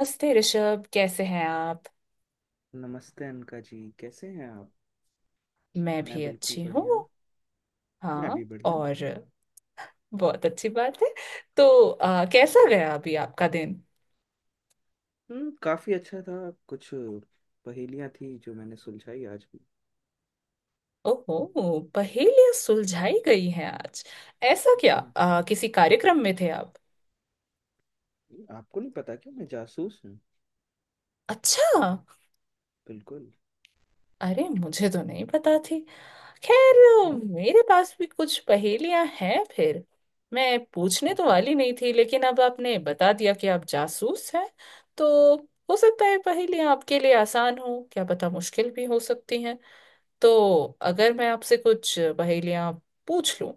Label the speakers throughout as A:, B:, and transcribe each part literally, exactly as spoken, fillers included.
A: नमस्ते ऋषभ, कैसे हैं आप?
B: नमस्ते अनका जी, कैसे हैं आप?
A: मैं
B: मैं
A: भी
B: बिल्कुल
A: अच्छी हूँ।
B: बढ़िया। मैं
A: हाँ।
B: भी बढ़िया।
A: और बहुत अच्छी बात है। तो आ, कैसा गया अभी आपका दिन?
B: हम्म काफी अच्छा था। कुछ पहेलियां थी जो मैंने सुलझाई आज भी।
A: ओहो, पहेलियां सुलझाई गई हैं आज। ऐसा क्या,
B: जी।
A: आ, किसी कार्यक्रम में थे आप?
B: आपको नहीं पता क्या मैं जासूस हूँ?
A: अच्छा।
B: बिल्कुल।
A: अरे, मुझे तो नहीं पता थी। खैर, मेरे पास भी कुछ पहेलियां हैं फिर। मैं पूछने
B: हाँ,
A: तो
B: हाँ,
A: वाली नहीं थी, लेकिन अब आपने बता दिया कि आप जासूस हैं। तो हो सकता है पहेलियां आपके लिए आसान हो, क्या पता मुश्किल भी हो सकती हैं। तो अगर मैं आपसे कुछ पहेलियां पूछ लूं,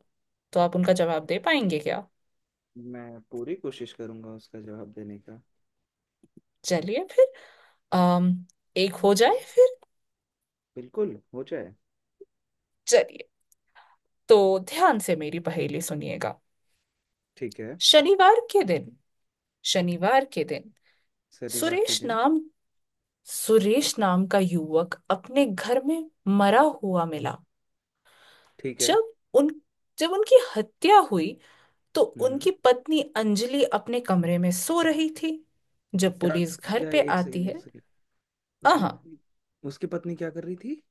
A: तो आप उनका
B: हाँ।
A: जवाब दे पाएंगे क्या?
B: मैं पूरी कोशिश करूंगा उसका जवाब देने का।
A: चलिए फिर। अम एक हो जाए फिर।
B: बिल्कुल, हो जाए।
A: चलिए। तो ध्यान से मेरी पहेली सुनिएगा।
B: ठीक है।
A: शनिवार के दिन शनिवार के दिन
B: शनिवार के
A: सुरेश
B: दिन।
A: नाम सुरेश नाम का युवक अपने घर में मरा हुआ मिला।
B: ठीक है।
A: जब उन जब उनकी हत्या हुई, तो
B: हम्म।
A: उनकी पत्नी अंजलि अपने कमरे में सो रही थी। जब
B: क्या,
A: पुलिस घर
B: क्या,
A: पे
B: एक
A: आती
B: सेकेंड,
A: है।
B: एक सेकेंड। उसकी
A: आहा।
B: पत्नी उसकी पत्नी क्या कर रही थी?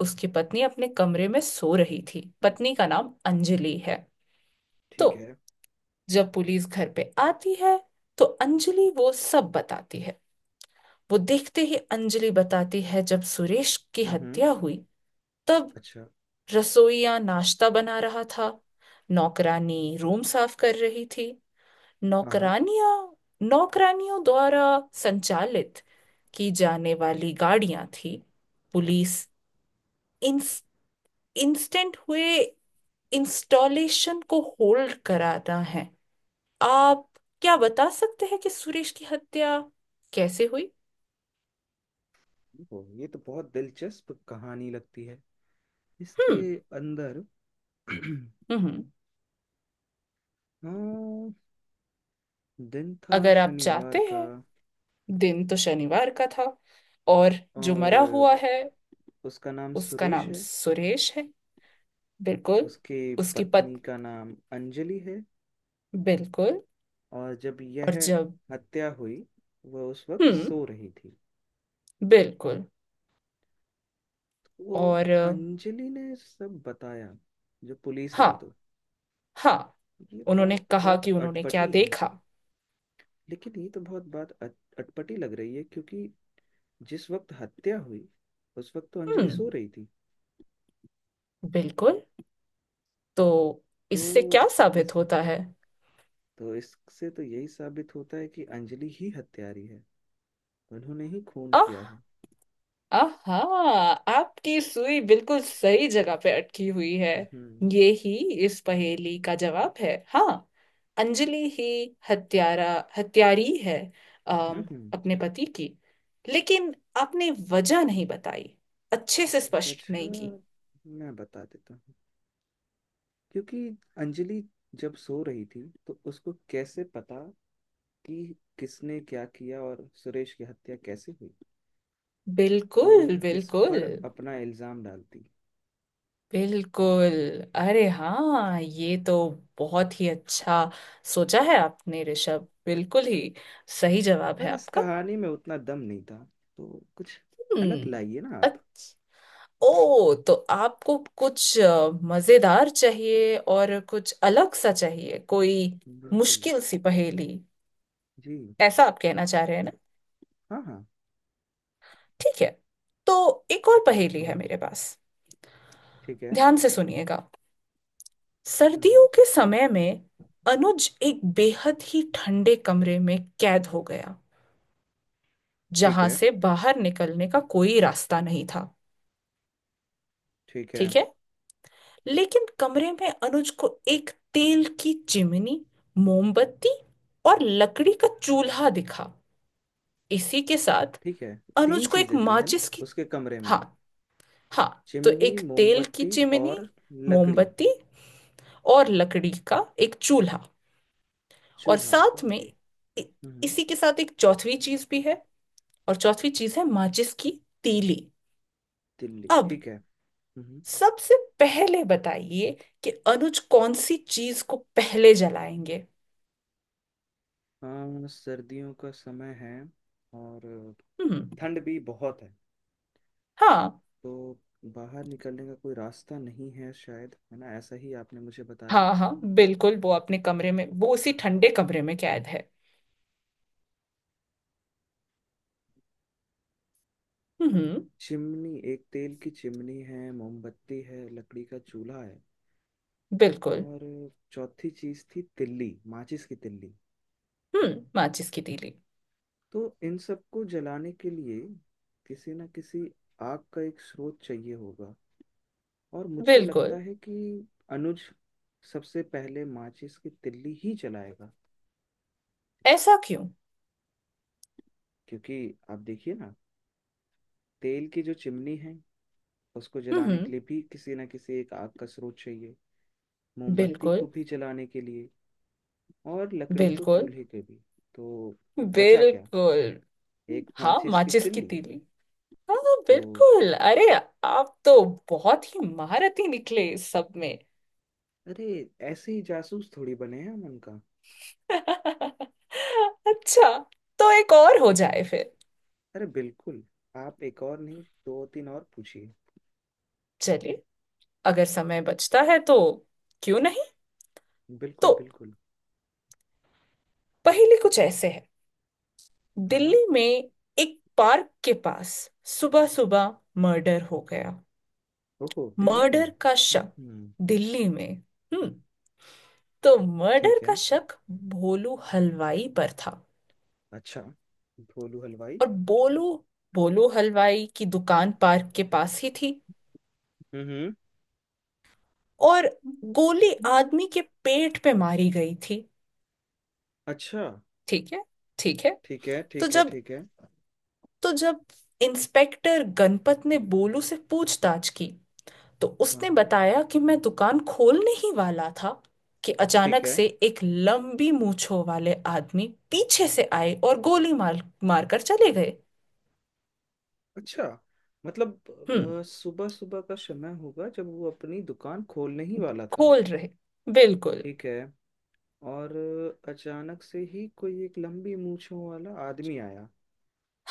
A: उसकी पत्नी अपने कमरे में सो रही थी, पत्नी का नाम अंजलि है। तो
B: ठीक है।
A: जब पुलिस घर पे आती है, तो अंजलि वो सब बताती है। वो देखते ही अंजलि बताती है जब सुरेश की
B: हम्म।
A: हत्या हुई, तब
B: अच्छा।
A: रसोईया नाश्ता बना रहा था, नौकरानी रूम साफ कर रही थी।
B: हाँ, हाँ।
A: नौकरानियां, नौकरानियों द्वारा संचालित की जाने वाली गाड़ियां थी। पुलिस इंस, इंस्टेंट हुए इंस्टॉलेशन को होल्ड कराता है। आप क्या बता सकते हैं कि सुरेश की हत्या कैसे हुई?
B: ओ, ये तो बहुत दिलचस्प कहानी लगती है। इसके
A: हम्म।
B: अंदर
A: हम्म।
B: हाँ, दिन था
A: अगर आप
B: शनिवार
A: चाहते
B: का।
A: हैं, दिन तो शनिवार का था। और जो
B: और
A: मरा हुआ है
B: उसका नाम
A: उसका
B: सुरेश
A: नाम
B: है।
A: सुरेश है। बिल्कुल।
B: उसकी
A: उसकी पत।
B: पत्नी का नाम अंजलि है।
A: बिल्कुल।
B: और जब यह
A: और जब।
B: हत्या हुई, वह उस वक्त
A: हम्म।
B: सो रही थी।
A: बिल्कुल।
B: वो,
A: और अ,
B: अंजलि ने सब बताया जो पुलिस आई
A: हाँ
B: तो।
A: हाँ।
B: ये
A: उन्होंने
B: बात
A: कहा
B: बहुत
A: कि उन्होंने क्या
B: अटपटी है।
A: देखा।
B: लेकिन ये तो बहुत बात अट, अटपटी लग रही है, क्योंकि जिस वक्त हत्या हुई उस वक्त तो अंजलि
A: हम्म।
B: सो रही थी।
A: बिल्कुल। तो इससे
B: तो
A: क्या
B: इस
A: साबित होता है?
B: तो इससे तो यही साबित होता है कि अंजलि ही हत्यारी है। उन्होंने ही खून किया है।
A: आहा, आपकी सुई बिल्कुल सही जगह पे अटकी हुई है।
B: हम्म।
A: ये ही इस पहेली का जवाब है, हाँ। अंजलि ही हत्यारा हत्यारी है। अम,
B: हम्म।
A: अपने पति की। लेकिन आपने वजह नहीं बताई, अच्छे से स्पष्ट
B: वजह
A: नहीं की।
B: मैं बता देता हूँ। क्योंकि अंजलि जब सो रही थी तो उसको कैसे पता कि किसने क्या किया और सुरेश की हत्या कैसे हुई? तो वो
A: बिल्कुल,
B: किस
A: बिल्कुल।
B: पर अपना इल्जाम डालती?
A: बिल्कुल, अरे हाँ, ये तो बहुत ही अच्छा सोचा है आपने ऋषभ, बिल्कुल ही सही जवाब है
B: पर इस
A: आपका।
B: कहानी में उतना दम नहीं था, तो कुछ अलग
A: हम्म।
B: लाइए ना आप।
A: अच्छ- ओ, तो आपको कुछ अ, मजेदार चाहिए और कुछ अलग सा चाहिए, कोई
B: बिल्कुल।
A: मुश्किल सी पहेली।
B: जी।
A: ऐसा आप कहना चाह रहे हैं ना?
B: हाँ, हाँ।
A: ठीक है। तो एक और पहेली है मेरे पास।
B: ठीक है।
A: ध्यान से सुनिएगा।
B: हम्म।
A: सर्दियों के समय में अनुज एक बेहद ही ठंडे कमरे में कैद हो गया,
B: ठीक
A: जहां
B: है,
A: से बाहर निकलने का कोई रास्ता नहीं था।
B: ठीक है,
A: ठीक है। लेकिन कमरे में अनुज को एक तेल की चिमनी, मोमबत्ती और लकड़ी का चूल्हा दिखा। इसी के साथ
B: ठीक है। तीन
A: अनुज को एक
B: चीजें थी, है ना,
A: माचिस की।
B: उसके कमरे में?
A: हाँ हाँ। तो
B: चिमनी,
A: एक तेल की
B: मोमबत्ती
A: चिमनी,
B: और लकड़ी।
A: मोमबत्ती और लकड़ी का एक चूल्हा। और
B: चूल्हा,
A: साथ में
B: ओके।
A: इ-
B: हम्म।
A: इसी के साथ एक चौथी चीज भी है। और चौथी चीज है माचिस की तीली।
B: दिल्ली,
A: अब
B: ठीक है। हम्म।
A: सबसे पहले बताइए कि अनुज कौन सी चीज को पहले जलाएंगे?
B: हाँ, सर्दियों का समय है। और
A: हम्म।
B: ठंड भी बहुत है।
A: हाँ
B: तो बाहर निकलने का कोई रास्ता नहीं है शायद, है ना? ऐसा ही आपने मुझे बताया।
A: हाँ। हाँ बिल्कुल, वो अपने कमरे में, वो उसी ठंडे कमरे में कैद है। हम्म।
B: चिमनी, एक तेल की चिमनी है, मोमबत्ती है, लकड़ी का चूल्हा है।
A: बिल्कुल।
B: और चौथी चीज थी तिल्ली, माचिस की तिल्ली।
A: हम्म, माचिस की तीली।
B: तो इन सबको जलाने के लिए किसी ना किसी आग का एक स्रोत चाहिए होगा। और मुझे
A: बिल्कुल।
B: लगता है कि अनुज सबसे पहले माचिस की तिल्ली ही जलाएगा।
A: ऐसा क्यों?
B: क्योंकि आप देखिए ना, तेल की जो चिमनी है उसको जलाने
A: हम्म।
B: के लिए भी किसी ना किसी एक आग का स्रोत चाहिए। मोमबत्ती को
A: बिल्कुल।
B: भी जलाने के लिए। और लकड़ी को
A: बिल्कुल।
B: चूल्हे के भी। तो बचा क्या?
A: बिल्कुल।
B: एक
A: हाँ
B: माचिस की
A: माचिस की
B: तिल्ली।
A: तीली। हाँ
B: तो
A: बिल्कुल, अरे आप तो बहुत ही महारथी निकले इस सब में।
B: अरे, ऐसे ही जासूस थोड़ी बने हैं हम उनका।
A: अच्छा। तो एक और हो जाए फिर।
B: अरे बिल्कुल। आप एक और नहीं, दो तीन और पूछिए।
A: चलिए, अगर समय बचता है तो, क्यों नहीं। तो
B: बिल्कुल, बिल्कुल।
A: पहेली कुछ ऐसे है।
B: हाँ, हाँ।
A: दिल्ली में एक पार्क के पास सुबह सुबह मर्डर हो गया।
B: ओहो, दिल्ली में।
A: मर्डर का
B: हम्म,
A: शक
B: हम्म।
A: दिल्ली में। हम्म। तो मर्डर
B: ठीक
A: का
B: है।
A: शक भोलू हलवाई पर था।
B: अच्छा, भोलू हलवाई।
A: और बोलू बोलू हलवाई की दुकान पार्क के पास ही थी।
B: हम्म,
A: और गोली
B: हम्म,
A: आदमी के पेट पे मारी गई थी।
B: अच्छा।
A: ठीक है। ठीक है।
B: ठीक है,
A: तो
B: ठीक है,
A: जब
B: ठीक है।
A: तो जब इंस्पेक्टर गणपत ने बोलू से पूछताछ की, तो
B: हाँ,
A: उसने
B: हाँ।
A: बताया कि मैं दुकान खोलने ही वाला था कि
B: ठीक
A: अचानक
B: है।
A: से एक लंबी मूंछों वाले आदमी पीछे से आए और गोली मार, मारकर चले गए।
B: अच्छा,
A: हम्म।
B: मतलब सुबह सुबह का समय होगा जब वो अपनी दुकान खोलने ही वाला था।
A: खोल रहे। बिल्कुल।
B: ठीक है। और अ, अचानक से ही कोई एक लंबी मूंछों वाला आदमी आया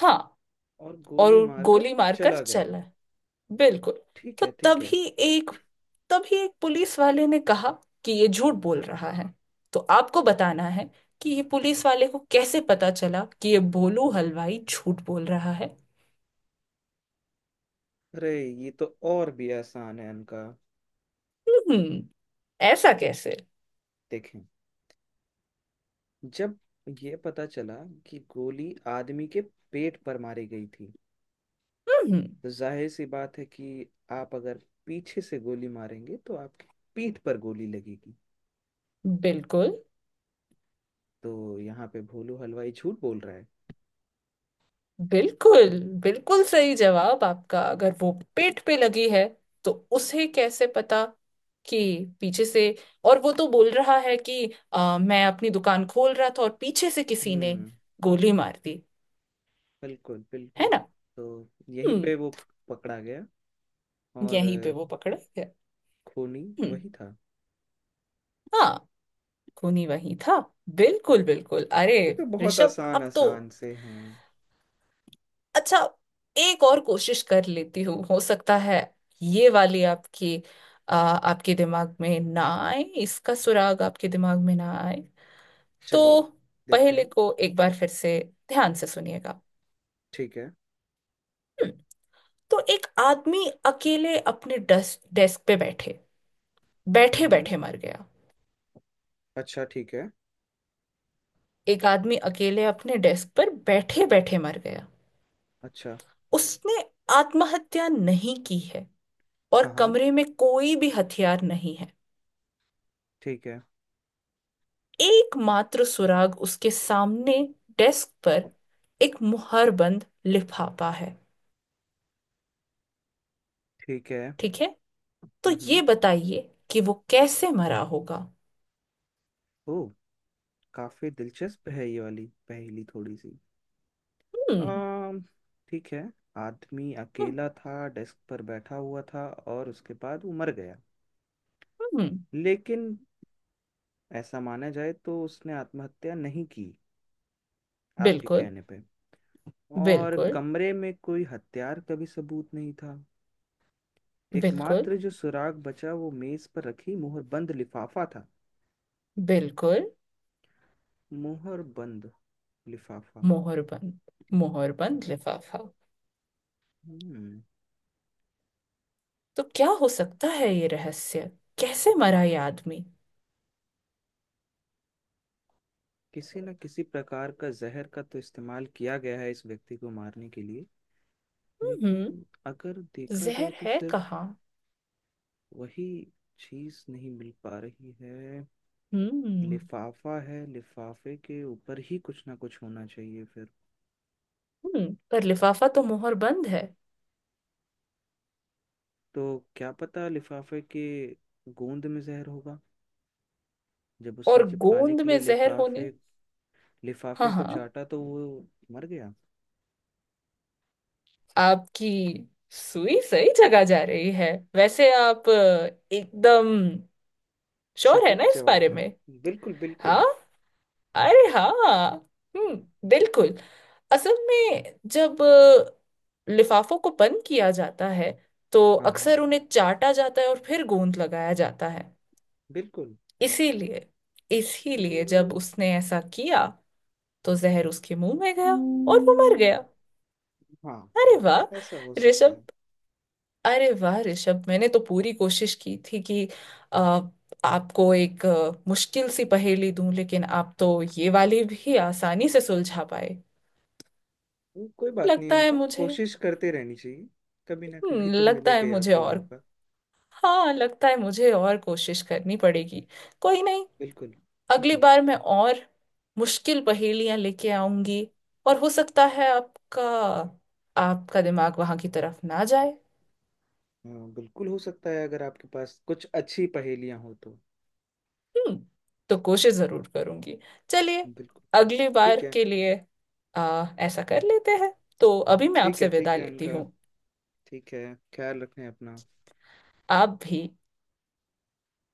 A: हाँ,
B: और
A: और
B: गोली मारकर
A: गोली मारकर
B: चला गया।
A: चला। बिल्कुल।
B: ठीक
A: तो
B: है, ठीक है।
A: तभी एक तभी एक पुलिस वाले ने कहा कि ये झूठ बोल रहा है। तो आपको बताना है कि ये पुलिस वाले को कैसे पता चला कि ये भोलू हलवाई झूठ बोल रहा है।
B: अरे ये तो और भी आसान है इनका।
A: हम्म। ऐसा कैसे?
B: देखें, जब ये पता चला कि गोली आदमी के पेट पर मारी गई थी,
A: हम्म।
B: तो जाहिर सी बात है कि आप अगर पीछे से गोली मारेंगे तो आपकी पीठ पर गोली लगेगी।
A: बिल्कुल।
B: तो यहाँ पे भोलू हलवाई झूठ बोल रहा है।
A: बिल्कुल। बिल्कुल सही जवाब आपका, अगर वो पेट पे लगी है, तो उसे कैसे पता कि पीछे से। और वो तो बोल रहा है कि आ, मैं अपनी दुकान खोल रहा था और पीछे से किसी ने
B: हम्म।
A: गोली मार दी।
B: बिल्कुल,
A: है
B: बिल्कुल।
A: ना?
B: तो यहीं
A: हम्म।
B: पे वो पकड़ा गया। और
A: यहीं पे
B: अ,
A: वो पकड़ा गया।
B: खूनी
A: हम्म।
B: वही था।
A: हाँ, खूनी वही था। बिल्कुल, बिल्कुल। अरे
B: ये तो बहुत
A: ऋषभ,
B: आसान
A: अब तो
B: आसान से हैं।
A: अच्छा, एक और कोशिश कर लेती हूँ। हो सकता है ये वाली आपकी, आ, आपके दिमाग में ना आए, इसका सुराग आपके दिमाग में ना आए।
B: चलिए,
A: तो
B: देखते
A: पहले
B: हैं।
A: को एक बार फिर से ध्यान से सुनिएगा।
B: ठीक है।
A: हम्म। तो एक आदमी अकेले अपने डेस्क डेस्क पे बैठे बैठे
B: हम्म,
A: बैठे मर गया।
B: अच्छा, ठीक है।
A: एक आदमी अकेले अपने डेस्क पर बैठे बैठे मर गया।
B: अच्छा।
A: उसने आत्महत्या नहीं की है,
B: हाँ,
A: और
B: हाँ।
A: कमरे में कोई भी हथियार नहीं है।
B: ठीक है,
A: एकमात्र सुराग उसके सामने डेस्क पर एक मुहर बंद लिफाफा है।
B: ठीक है।
A: ठीक है। तो ये
B: हम्म।
A: बताइए कि वो कैसे मरा होगा?
B: ओ, काफी दिलचस्प है ये वाली पहेली, थोड़ी सी।
A: हम्म।
B: अम ठीक है। आदमी
A: हम्म।
B: अकेला था, डेस्क पर बैठा हुआ था और उसके बाद वो मर गया।
A: हम्म।
B: लेकिन ऐसा माना जाए तो उसने आत्महत्या नहीं की। आपके
A: बिल्कुल,
B: कहने पे। और
A: बिल्कुल,
B: कमरे में कोई हथियार का भी सबूत नहीं था।
A: बिल्कुल।
B: एकमात्र जो सुराग बचा वो मेज पर रखी मुहरबंद लिफाफा था।
A: बिल्कुल।
B: मुहरबंद लिफाफा।
A: मोहरबंद, मोहरबंद लिफाफा।
B: हम्म।
A: तो क्या हो सकता है ये रहस्य, कैसे मरा ये आदमी?
B: किसी न किसी प्रकार का जहर का तो इस्तेमाल किया गया है इस व्यक्ति को मारने के लिए।
A: हम्म।
B: लेकिन अगर देखा जाए
A: जहर
B: तो
A: है
B: सिर्फ
A: कहाँ?
B: वही चीज नहीं मिल पा रही है।
A: हम्म।
B: लिफाफा है, लिफाफे के ऊपर ही कुछ ना कुछ होना चाहिए फिर।
A: हम्म, पर लिफाफा तो मोहर बंद है।
B: तो क्या पता लिफाफे के गोंद में जहर होगा। जब उसने
A: और
B: चिपकाने
A: गोंद
B: के
A: में
B: लिए
A: जहर
B: लिफाफे
A: होने, हाँ
B: लिफाफे को
A: हाँ,
B: चाटा तो वो मर गया।
A: आपकी सुई सही जगह जा रही है। वैसे आप अ, एकदम श्योर है ना
B: सटीक
A: इस
B: जवाब
A: बारे
B: है।
A: में?
B: बिल्कुल, बिल्कुल।
A: हाँ, अरे हाँ। हम्म, बिल्कुल। असल में जब अ, लिफाफों को बंद किया जाता है, तो
B: हाँ, हाँ।
A: अक्सर उन्हें चाटा जाता है और फिर गोंद लगाया जाता है।
B: बिल्कुल।
A: इसीलिए इसीलिए
B: हम्म,
A: जब उसने ऐसा किया, तो जहर उसके मुंह में गया और वो मर
B: हम्म।
A: गया।
B: हाँ।
A: अरे वाह
B: ऐसा हो सकता
A: ऋषभ,
B: है।
A: अरे वाह ऋषभ मैंने तो पूरी कोशिश की थी कि आ, आपको एक अ, मुश्किल सी पहेली दूं, लेकिन आप तो ये वाली भी आसानी से सुलझा पाए।
B: हम्म, कोई बात नहीं,
A: लगता है
B: इनका
A: मुझे।
B: कोशिश करते रहनी चाहिए। कभी ना कभी
A: हम्म,
B: तो
A: लगता है
B: मिलेगा ही
A: मुझे
B: आपको
A: और,
B: मौका।
A: हाँ, लगता है मुझे और कोशिश करनी पड़ेगी। कोई नहीं।
B: बिल्कुल।
A: अगली बार मैं और मुश्किल पहेलियां लेके आऊंगी, और हो सकता है आपका, आपका दिमाग वहां की तरफ ना जाए।
B: हाँ, बिल्कुल हो सकता है, अगर आपके पास कुछ अच्छी पहेलियां हो तो।
A: हम्म, तो कोशिश जरूर करूंगी। चलिए,
B: बिल्कुल।
A: अगली बार
B: ठीक है,
A: के लिए आ, ऐसा कर लेते हैं। तो अभी मैं
B: ठीक है।
A: आपसे
B: ठीक
A: विदा
B: है
A: लेती
B: इनका।
A: हूँ।
B: ठीक है। ख्याल रखें अपना।
A: आप भी।